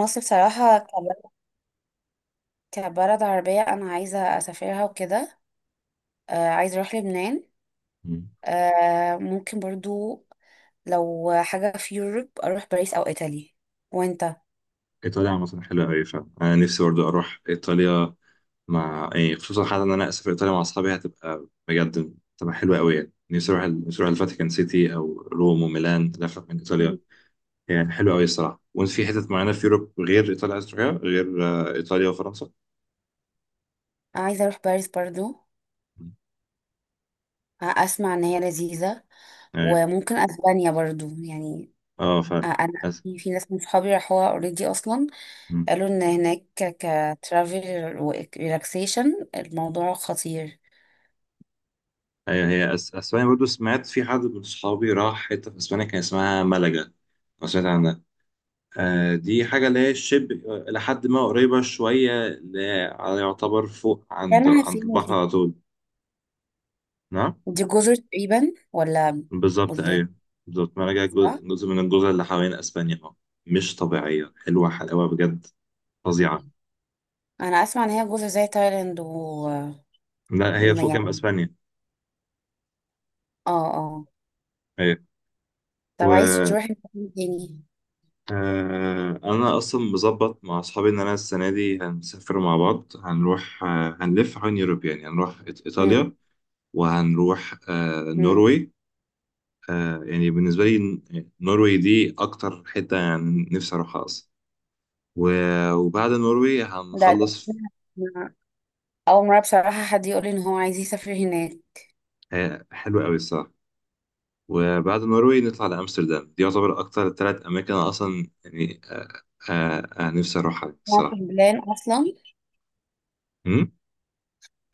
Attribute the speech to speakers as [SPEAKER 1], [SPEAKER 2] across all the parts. [SPEAKER 1] مصر بصراحة كبلد عربية، أنا عايزة أسافرها وكده. آه، عايزة أروح لبنان.
[SPEAKER 2] مم.
[SPEAKER 1] آه، ممكن برضو. لو حاجة في يوروب أروح باريس أو إيطالي. وأنت؟
[SPEAKER 2] ايطاليا عامة حلوة أوي فعلا، أنا نفسي برضه أروح إيطاليا مع يعني خصوصا، حتى إن أنا أسافر إيطاليا مع أصحابي هتبقى بجد، تبقى حلوة أوي. يعني نفسي أروح نفسي أروح الفاتيكان سيتي أو روم وميلان، لفة من
[SPEAKER 1] مم.
[SPEAKER 2] إيطاليا. يعني حلوة أوي الصراحة. وأنت في حتت معينة في أوروب غير إيطاليا عايز تروحيها غير إيطاليا وفرنسا؟
[SPEAKER 1] عايزة أروح باريس برضو.
[SPEAKER 2] مم.
[SPEAKER 1] آه، أسمع إن هي لذيذة.
[SPEAKER 2] أيوة.
[SPEAKER 1] وممكن أسبانيا برضو يعني.
[SPEAKER 2] أه
[SPEAKER 1] آه،
[SPEAKER 2] فعلا.
[SPEAKER 1] أنا
[SPEAKER 2] أس...
[SPEAKER 1] في ناس من صحابي راحوها أوريدي أصلا.
[SPEAKER 2] مم.
[SPEAKER 1] قالوا إن هناك كترافل وريلاكسيشن الموضوع خطير.
[SPEAKER 2] أيوة، هي أسبانيا برضه، سمعت في حد من صحابي راح حتة في أسبانيا كان اسمها ملجا لو سمعت. دي حاجة اللي هي شبه إلى حد ما، قريبة شوية، اللي هي يعتبر فوق عند
[SPEAKER 1] يعني
[SPEAKER 2] عند البحر
[SPEAKER 1] هتفيدني.
[SPEAKER 2] على طول. نعم.
[SPEAKER 1] دي جزر تقريبا ولا
[SPEAKER 2] بالظبط
[SPEAKER 1] بلدان؟
[SPEAKER 2] أيوه. بالظبط، مراجع
[SPEAKER 1] صح.
[SPEAKER 2] جزء من الجزر اللي حوالين أسبانيا أه. مش طبيعية، حلوة حلاوة بجد، فظيعة.
[SPEAKER 1] انا اسمع ان هي جزر زي تايلاند و
[SPEAKER 2] لا هي فوق جنب
[SPEAKER 1] يعني.
[SPEAKER 2] أسبانيا.
[SPEAKER 1] اه، اه.
[SPEAKER 2] أيوه،
[SPEAKER 1] طب
[SPEAKER 2] و
[SPEAKER 1] عايز تروح مكان تاني؟
[SPEAKER 2] أنا أصلا مظبط مع أصحابي إن أنا السنة دي هنسافر مع بعض، هنروح هنلف حوالين يوروب. يعني هنروح
[SPEAKER 1] هم،
[SPEAKER 2] إيطاليا، وهنروح
[SPEAKER 1] هم.
[SPEAKER 2] نروي. يعني بالنسبة لي النرويج دي أكتر حتة يعني نفسي أروحها أصلا. وبعد النرويج
[SPEAKER 1] ده ده
[SPEAKER 2] هنخلص.
[SPEAKER 1] أنا اول مره بصراحه حد يقول لي ان هو عايز يسافر هناك.
[SPEAKER 2] حلو أوي الصراحة. وبعد النرويج نطلع لأمستردام. دي يعتبر أكتر تلات أماكن أنا أصلا يعني آه نفسي أروحها
[SPEAKER 1] هو في
[SPEAKER 2] الصراحة.
[SPEAKER 1] البلان اصلا؟
[SPEAKER 2] أمم؟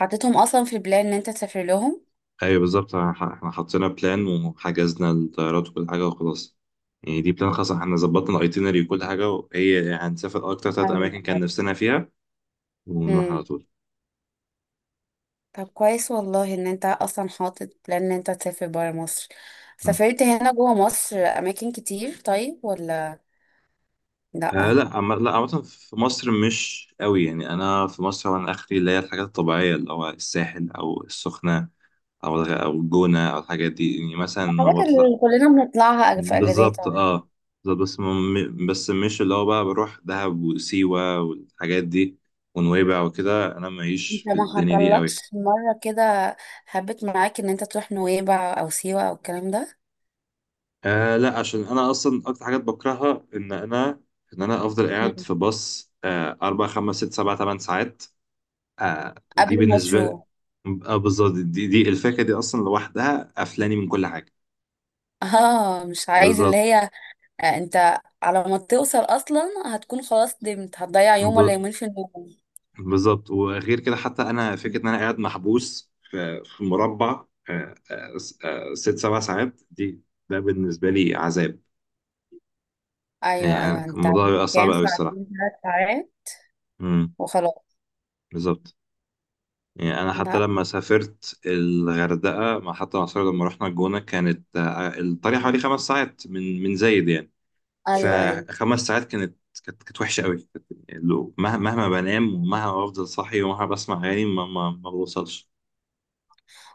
[SPEAKER 1] حطيتهم اصلا في البلان ان انت تسافر لهم.
[SPEAKER 2] أيوة بالظبط، إحنا حطينا بلان وحجزنا الطيارات وكل حاجة وخلاص. يعني دي بلان خاصة، إحنا ظبطنا الأيتينري وكل حاجة، وهي يعني هنسافر أكتر تلات
[SPEAKER 1] ايوه،
[SPEAKER 2] أماكن كان
[SPEAKER 1] ايوه.
[SPEAKER 2] نفسنا فيها ونروح
[SPEAKER 1] هم.
[SPEAKER 2] على طول.
[SPEAKER 1] طب كويس والله ان انت اصلا حاطط بلان ان انت تسافر برا مصر. سافرت هنا جوه مصر اماكن كتير طيب ولا
[SPEAKER 2] آه
[SPEAKER 1] لا؟
[SPEAKER 2] لا، لا عامة في مصر مش قوي. يعني أنا في مصر، وأنا آخري اللي هي الحاجات الطبيعية، اللي هو الساحل أو السخنة أو أو الجونة أو الحاجات دي، يعني مثلا ما
[SPEAKER 1] الحاجات
[SPEAKER 2] بطلع.
[SPEAKER 1] اللي كلنا بنطلعها في اجازات
[SPEAKER 2] بالظبط
[SPEAKER 1] يعني.
[SPEAKER 2] أه. بالظبط، بس مش اللي هو بقى بروح دهب وسيوة والحاجات دي ونويبع وكده، أنا
[SPEAKER 1] انت
[SPEAKER 2] ماليش في
[SPEAKER 1] ما
[SPEAKER 2] الدنيا دي قوي.
[SPEAKER 1] حصلكش مره كده هبت معاك ان انت تروح نويبع او سيوه او الكلام ده؟
[SPEAKER 2] آه لا، عشان أنا أصلا أكتر حاجات بكرهها إن أنا أفضل قاعد
[SPEAKER 1] مم.
[SPEAKER 2] في باص 4 5 6 7 8 ساعات.
[SPEAKER 1] قبل
[SPEAKER 2] دي
[SPEAKER 1] ما
[SPEAKER 2] بالنسبة لي.
[SPEAKER 1] تشوف.
[SPEAKER 2] آه بالظبط، دي الفاكهة دي أصلا لوحدها قفلاني من كل حاجة.
[SPEAKER 1] اه، مش عايز اللي
[SPEAKER 2] بالظبط.
[SPEAKER 1] هي. آه، انت على ما توصل اصلا هتكون خلاص، دمت هتضيع يوم ولا
[SPEAKER 2] ب...
[SPEAKER 1] يومين في النوم.
[SPEAKER 2] بالظبط، وغير كده حتى أنا
[SPEAKER 1] مم.
[SPEAKER 2] فكرة إن أنا قاعد محبوس في مربع. آه آه. 6 7 ساعات دي، ده بالنسبة لي عذاب.
[SPEAKER 1] ايوه،
[SPEAKER 2] يعني
[SPEAKER 1] ايوه. انت
[SPEAKER 2] الموضوع بيبقى صعب
[SPEAKER 1] كام
[SPEAKER 2] أوي الصراحة.
[SPEAKER 1] ساعتين، ثلاث ساعات
[SPEAKER 2] امم،
[SPEAKER 1] وخلاص.
[SPEAKER 2] بالظبط. يعني أنا حتى
[SPEAKER 1] لا.
[SPEAKER 2] لما سافرت الغردقة حتى مع صحابي لما رحنا الجونة، كانت الطريق
[SPEAKER 1] مم.
[SPEAKER 2] حوالي 5 ساعات من زايد يعني.
[SPEAKER 1] ايوه، ايوه.
[SPEAKER 2] ف5 ساعات كانت، وحشه قوي، مهما بنام، ومهما بفضل صاحي، ومهما بسمع اغاني ما بوصلش.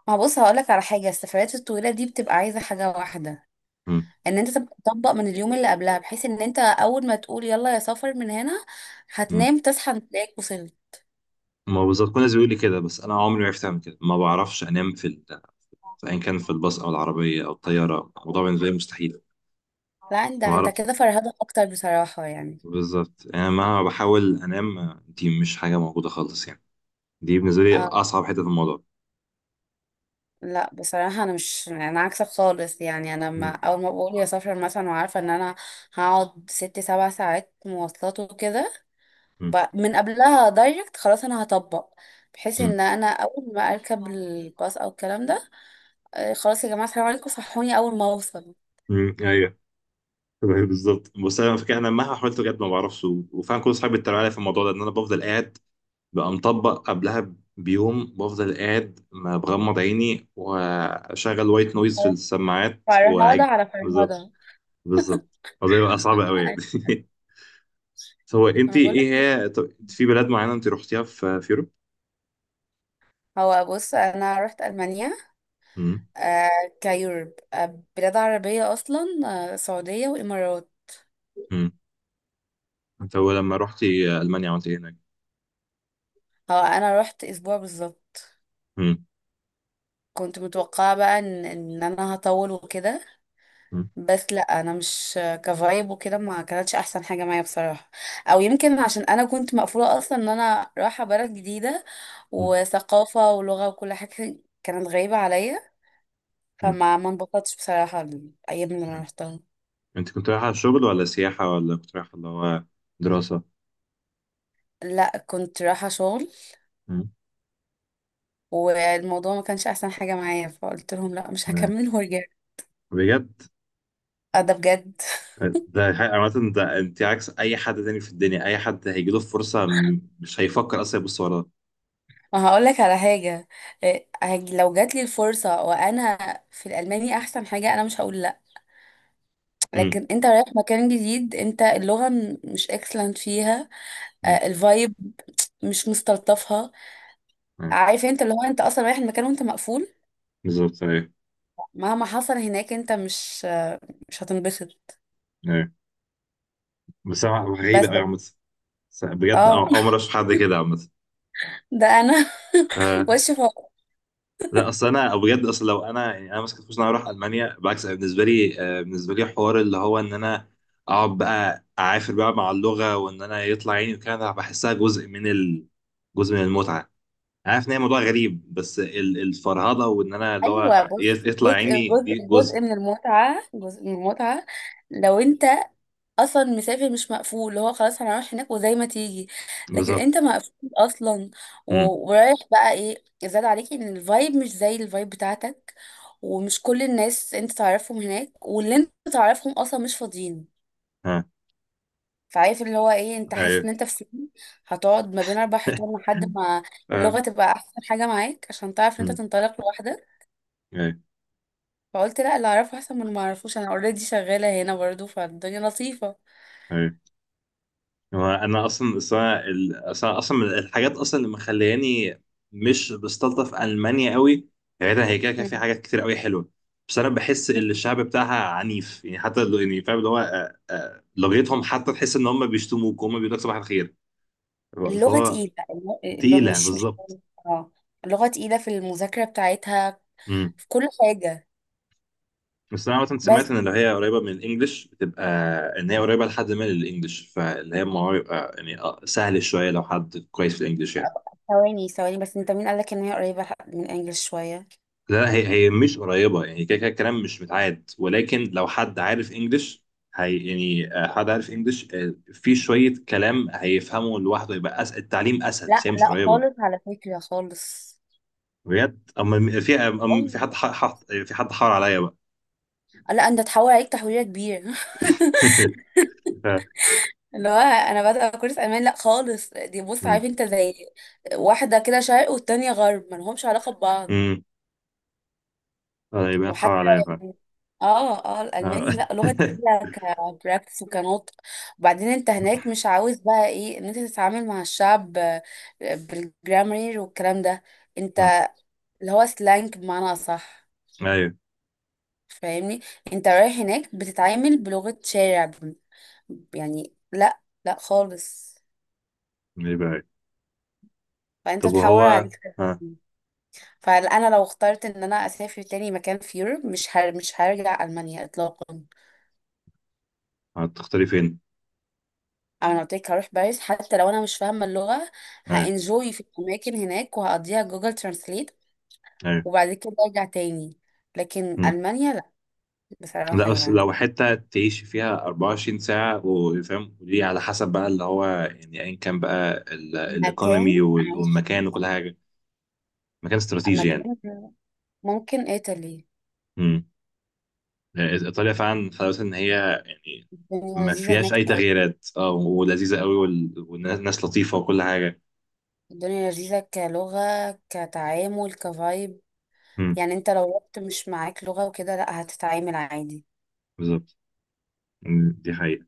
[SPEAKER 1] ما بص هقولك على حاجه، السفريات الطويله دي بتبقى عايزه حاجه واحده،
[SPEAKER 2] مم.
[SPEAKER 1] ان انت تبقى تطبق من اليوم اللي قبلها، بحيث ان انت اول ما تقول يلا يا سفر من هنا
[SPEAKER 2] مم.
[SPEAKER 1] هتنام تصحى تلاقيك وصلت.
[SPEAKER 2] ما بالظبط، كل الناس بيقول لي كده، بس انا عمري ما عرفت اعمل كده، ما بعرفش انام في ايا كان، في الباص او العربيه او الطياره الموضوع بالنسبه لي مستحيل.
[SPEAKER 1] لا، انت
[SPEAKER 2] ما
[SPEAKER 1] انت
[SPEAKER 2] بعرف.
[SPEAKER 1] كده فرهدة اكتر بصراحة يعني.
[SPEAKER 2] بالظبط، انا مهما بحاول انام دي مش حاجه موجوده خالص يعني. دي بالنسبه لي
[SPEAKER 1] اه.
[SPEAKER 2] اصعب حته في الموضوع.
[SPEAKER 1] لا، بصراحة انا، مش انا، عكسك خالص يعني. انا ما
[SPEAKER 2] مم.
[SPEAKER 1] اول ما بقول يا سفر مثلا وعارفة ان انا هقعد 6 7 ساعات مواصلات وكده،
[SPEAKER 2] مم.
[SPEAKER 1] من قبلها دايركت خلاص انا هطبق، بحيث
[SPEAKER 2] مم.
[SPEAKER 1] ان انا اول ما اركب الباص او الكلام ده، آه، خلاص يا جماعة السلام عليكم صحوني اول ما اوصل.
[SPEAKER 2] مم. ايوه. أيوة. بالظبط، بس انا فاكر انا مهما حاولت بجد ما بعرفش، وفعلا كل اصحابي بيتريقوا عليا في الموضوع ده، ان انا بفضل قاعد بقى مطبق قبلها بيوم، بفضل قاعد ما بغمض عيني واشغل وايت نويز في السماعات
[SPEAKER 1] فرهدة
[SPEAKER 2] واعج.
[SPEAKER 1] على
[SPEAKER 2] بالظبط.
[SPEAKER 1] فرهدة.
[SPEAKER 2] بالظبط. الموضوع بيبقى صعب قوي يعني. هو انت
[SPEAKER 1] انا بقول
[SPEAKER 2] ايه؟
[SPEAKER 1] لك ايه،
[SPEAKER 2] هي طب انت في بلاد معينه انت رحتيها في اوروبا؟
[SPEAKER 1] هو بص انا رحت المانيا.
[SPEAKER 2] امم.
[SPEAKER 1] آه، كيورب. آه، بلاد عربيه اصلا، آه، سعوديه وامارات.
[SPEAKER 2] امم. انت هو لما رحتي المانيا عملت ايه هناك؟
[SPEAKER 1] هو انا رحت اسبوع بالظبط،
[SPEAKER 2] امم.
[SPEAKER 1] كنت متوقعه بقى ان انا هطول وكده،
[SPEAKER 2] امم.
[SPEAKER 1] بس لا، انا مش كفايب وكده، ما كانتش احسن حاجه معايا بصراحه. او يمكن عشان انا كنت مقفوله اصلا ان انا رايحه بلد جديده
[SPEAKER 2] امم.
[SPEAKER 1] وثقافه ولغه وكل حاجه كانت غريبه عليا،
[SPEAKER 2] امم.
[SPEAKER 1] فما ما انبسطتش بصراحه الايام اللي انا رحتها.
[SPEAKER 2] انت كنت رايحه على الشغل ولا سياحه، ولا كنت رايحه اللي هو دراسه؟
[SPEAKER 1] لا، كنت رايحة شغل،
[SPEAKER 2] امم.
[SPEAKER 1] والموضوع ما كانش احسن حاجه معايا، فقلت لهم لا مش هكمل ورجعت.
[SPEAKER 2] بجد؟
[SPEAKER 1] اه، ده بجد
[SPEAKER 2] ده حقيقة عامة، ده انت عكس اي حد تاني في الدنيا، اي حد هيجيله فرصة مش هيفكر اصلا يبص وراه.
[SPEAKER 1] ما هقول لك على حاجه، إيه، لو جات لي الفرصه وانا في الالماني احسن حاجه انا مش هقول لا.
[SPEAKER 2] امم.
[SPEAKER 1] لكن انت رايح مكان جديد، انت اللغه مش اكسلنت فيها،
[SPEAKER 2] امم.
[SPEAKER 1] آه، الفايب مش مستلطفها،
[SPEAKER 2] أيوة.
[SPEAKER 1] عارف انت اللي هو انت اصلا رايح المكان وانت مقفول،
[SPEAKER 2] بالظبط. ايوه
[SPEAKER 1] مهما حصل هناك انت مش هتنبسط.
[SPEAKER 2] ايوه. بس أنا غريبة
[SPEAKER 1] بس.
[SPEAKER 2] قوي عامة. بس بجد
[SPEAKER 1] اه
[SPEAKER 2] اول مرة اشوف حد كده عامة.
[SPEAKER 1] ده انا
[SPEAKER 2] آه
[SPEAKER 1] وش فوق.
[SPEAKER 2] لا، اصل انا بجد، اصل لو انا يعني انا ماسك فلوس إن انا اروح المانيا بالعكس، أنا بالنسبه لي حوار اللي هو ان انا اقعد بقى اعافر بقى مع اللغه، وان انا يطلع عيني وكده، أنا بحسها جزء من جزء من المتعه. عارف ان هي موضوع غريب، بس الفرهضه، وان انا اللي
[SPEAKER 1] ايوه
[SPEAKER 2] هو
[SPEAKER 1] بص،
[SPEAKER 2] يطلع
[SPEAKER 1] جزء،
[SPEAKER 2] عيني،
[SPEAKER 1] جزء،
[SPEAKER 2] دي جزء.
[SPEAKER 1] جزء من المتعه، جزء من المتعه. لو انت اصلا مسافر مش مقفول، اللي هو خلاص هنروح هناك وزي ما تيجي. لكن
[SPEAKER 2] بالظبط.
[SPEAKER 1] انت مقفول اصلا،
[SPEAKER 2] امم.
[SPEAKER 1] و- ورايح، بقى ايه زاد عليك ان الفايب مش زي الفايب بتاعتك، ومش كل الناس انت تعرفهم هناك، واللي انت تعرفهم اصلا مش فاضيين.
[SPEAKER 2] ها.
[SPEAKER 1] فعارف اللي هو ايه، انت حاسس
[SPEAKER 2] ايوه.
[SPEAKER 1] ان انت في سجن، هتقعد ما بين اربع حيطان لحد ما
[SPEAKER 2] اه.
[SPEAKER 1] اللغه تبقى احسن حاجه معاك عشان تعرف ان انت
[SPEAKER 2] امم.
[SPEAKER 1] تنطلق لوحدك.
[SPEAKER 2] ايوه
[SPEAKER 1] فقلت لا، اللي اعرفه احسن من اللي ما اعرفوش، انا اوريدي شغاله هنا برضو فالدنيا لطيفه.
[SPEAKER 2] ايوه. هو انا اصلا اصلا ال- اصلا أصلاً من الحاجات اصلا اللي مخلياني مش بستلطف المانيا قوي. بعيدا هي كده كده في
[SPEAKER 1] مم.
[SPEAKER 2] حاجات كتير قوي حلوه، بس انا بحس ان الشعب بتاعها عنيف. يعني حتى يعني فاهم اللي هو لغتهم حتى، تحس ان هم بيشتموك وهم بيقولوا لك صباح الخير.
[SPEAKER 1] اللغه
[SPEAKER 2] فهو
[SPEAKER 1] تقيله، اللغة
[SPEAKER 2] تقيله
[SPEAKER 1] مش.
[SPEAKER 2] بالظبط.
[SPEAKER 1] اه. اللغه تقيله في المذاكره بتاعتها، في كل حاجه.
[SPEAKER 2] بس انا مثلا
[SPEAKER 1] بس.
[SPEAKER 2] سمعت ان اللي هي قريبه من الانجليش بتبقى، ان هي قريبه لحد ما للانجليش، فاللي هي الموضوع يبقى يعني سهل شويه لو حد كويس في الانجليش يعني.
[SPEAKER 1] ثواني، ثواني، بس انت مين قالك ان هي قريبه من انجلش شويه؟
[SPEAKER 2] لا هي مش قريبه، يعني كده كده الكلام مش متعاد، ولكن لو حد عارف انجليش هي يعني حد عارف انجليش في شويه كلام هيفهمه لوحده، يبقى أسهل التعليم، اسهل.
[SPEAKER 1] لا،
[SPEAKER 2] بس هي مش
[SPEAKER 1] لا،
[SPEAKER 2] قريبه
[SPEAKER 1] خالص، على فكره خالص.
[SPEAKER 2] بجد. اما في أما في
[SPEAKER 1] والله.
[SPEAKER 2] حد في حد حار عليا بقى.
[SPEAKER 1] لا، انت تحول عليك تحويره كبير اللي هو انا بادئه كورس امان. لا خالص، دي
[SPEAKER 2] ف-
[SPEAKER 1] بص،
[SPEAKER 2] م-
[SPEAKER 1] عارف انت زي واحده كده شرق والتانية غرب، ما لهمش علاقه ببعض.
[SPEAKER 2] م. يبقى حد حار
[SPEAKER 1] وحتى
[SPEAKER 2] عليا بقى.
[SPEAKER 1] يعني، اه، اه،
[SPEAKER 2] آه.
[SPEAKER 1] الالماني لا، لغه تقيله كبراكتس وكنطق. وبعدين انت هناك مش عاوز بقى ايه ان انت تتعامل مع الشعب آه، بالجرامر والكلام ده، انت اللي هو سلانج بمعنى اصح،
[SPEAKER 2] ايوه.
[SPEAKER 1] فاهمني؟ انت رايح هناك بتتعامل بلغه شارع يعني، لا، لا، خالص،
[SPEAKER 2] ليه بقى؟
[SPEAKER 1] فانت
[SPEAKER 2] طب
[SPEAKER 1] تحور
[SPEAKER 2] وهو
[SPEAKER 1] عليك.
[SPEAKER 2] ها
[SPEAKER 1] فانا لو اخترت ان انا اسافر تاني مكان في يوروب مش هرجع المانيا اطلاقا.
[SPEAKER 2] هتختاري فين؟
[SPEAKER 1] انا قلت لك هروح باريس، حتى لو انا مش فاهمه اللغه
[SPEAKER 2] ايوه
[SPEAKER 1] هانجوي في الاماكن هناك وهقضيها جوجل ترانسليت،
[SPEAKER 2] ايوه.
[SPEAKER 1] وبعد كده ارجع تاني. لكن
[SPEAKER 2] مم.
[SPEAKER 1] المانيا لا،
[SPEAKER 2] لا
[SPEAKER 1] بصراحه
[SPEAKER 2] بس
[SPEAKER 1] يعني.
[SPEAKER 2] لو حتة تعيشي فيها 24 ساعة وفاهم، ودي على حسب بقى اللي هو يعني، ايا كان بقى
[SPEAKER 1] مكان
[SPEAKER 2] الايكونومي
[SPEAKER 1] عايش،
[SPEAKER 2] والمكان وكل حاجة. مكان استراتيجي يعني.
[SPEAKER 1] مكان، ممكن ايطالي.
[SPEAKER 2] مم. إيه، ايطاليا فعلا حلاوتها ان هي يعني
[SPEAKER 1] الدنيا
[SPEAKER 2] ما
[SPEAKER 1] لذيذه
[SPEAKER 2] فيهاش
[SPEAKER 1] هناك
[SPEAKER 2] اي
[SPEAKER 1] أوي.
[SPEAKER 2] تغييرات ولذيذة قوي، والناس لطيفة وكل حاجة.
[SPEAKER 1] الدنيا لذيذه كلغه كتعامل كفايب،
[SPEAKER 2] مم.
[SPEAKER 1] يعني انت لو رحت مش معاك لغه وكده لا، هتتعامل عادي.
[SPEAKER 2] بالظبط. مم. دي حقيقة.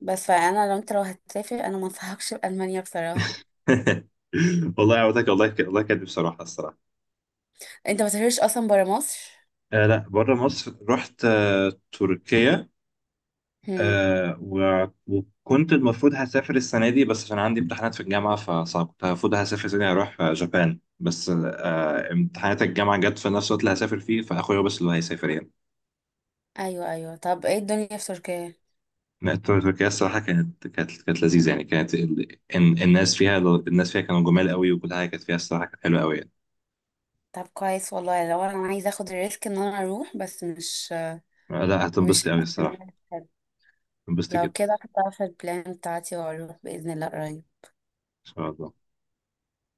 [SPEAKER 1] بس فانا لو هتسافر انا ما انصحكش بالمانيا بصراحه.
[SPEAKER 2] والله عودتك والله والله كانت بصراحة، الصراحة.
[SPEAKER 1] انت ما سافرتش اصلا برا مصر؟
[SPEAKER 2] آه لا، بره مصر رحت تركيا. آه وكنت المفروض هسافر السنة دي بس عشان عندي امتحانات في الجامعة فصعب. كنت المفروض هسافر السنة دي هروح جابان، بس امتحانات الجامعة جت في نفس الوقت اللي هسافر فيه، فأخويا هو بس اللي هيسافر يعني.
[SPEAKER 1] ايوه، ايوه. طب ايه الدنيا في تركيا؟
[SPEAKER 2] لا، تركيا الصراحة كانت، لذيذة يعني كانت الناس فيها كانوا جمال قوي، وكل حاجة كانت فيها الصراحة كانت حلوة قوي يعني.
[SPEAKER 1] طب كويس والله، لو انا عايزه اخد الريسك ان انا اروح، بس مش
[SPEAKER 2] آه، لا
[SPEAKER 1] مش
[SPEAKER 2] هتنبسطي قوي
[SPEAKER 1] حاسة إن
[SPEAKER 2] الصراحة.
[SPEAKER 1] أنا هستعد.
[SPEAKER 2] هتنبسطي
[SPEAKER 1] لو
[SPEAKER 2] جدا.
[SPEAKER 1] كده هحطها في البلان بتاعتي واروح باذن الله قريب.
[SPEAKER 2] إن شاء الله.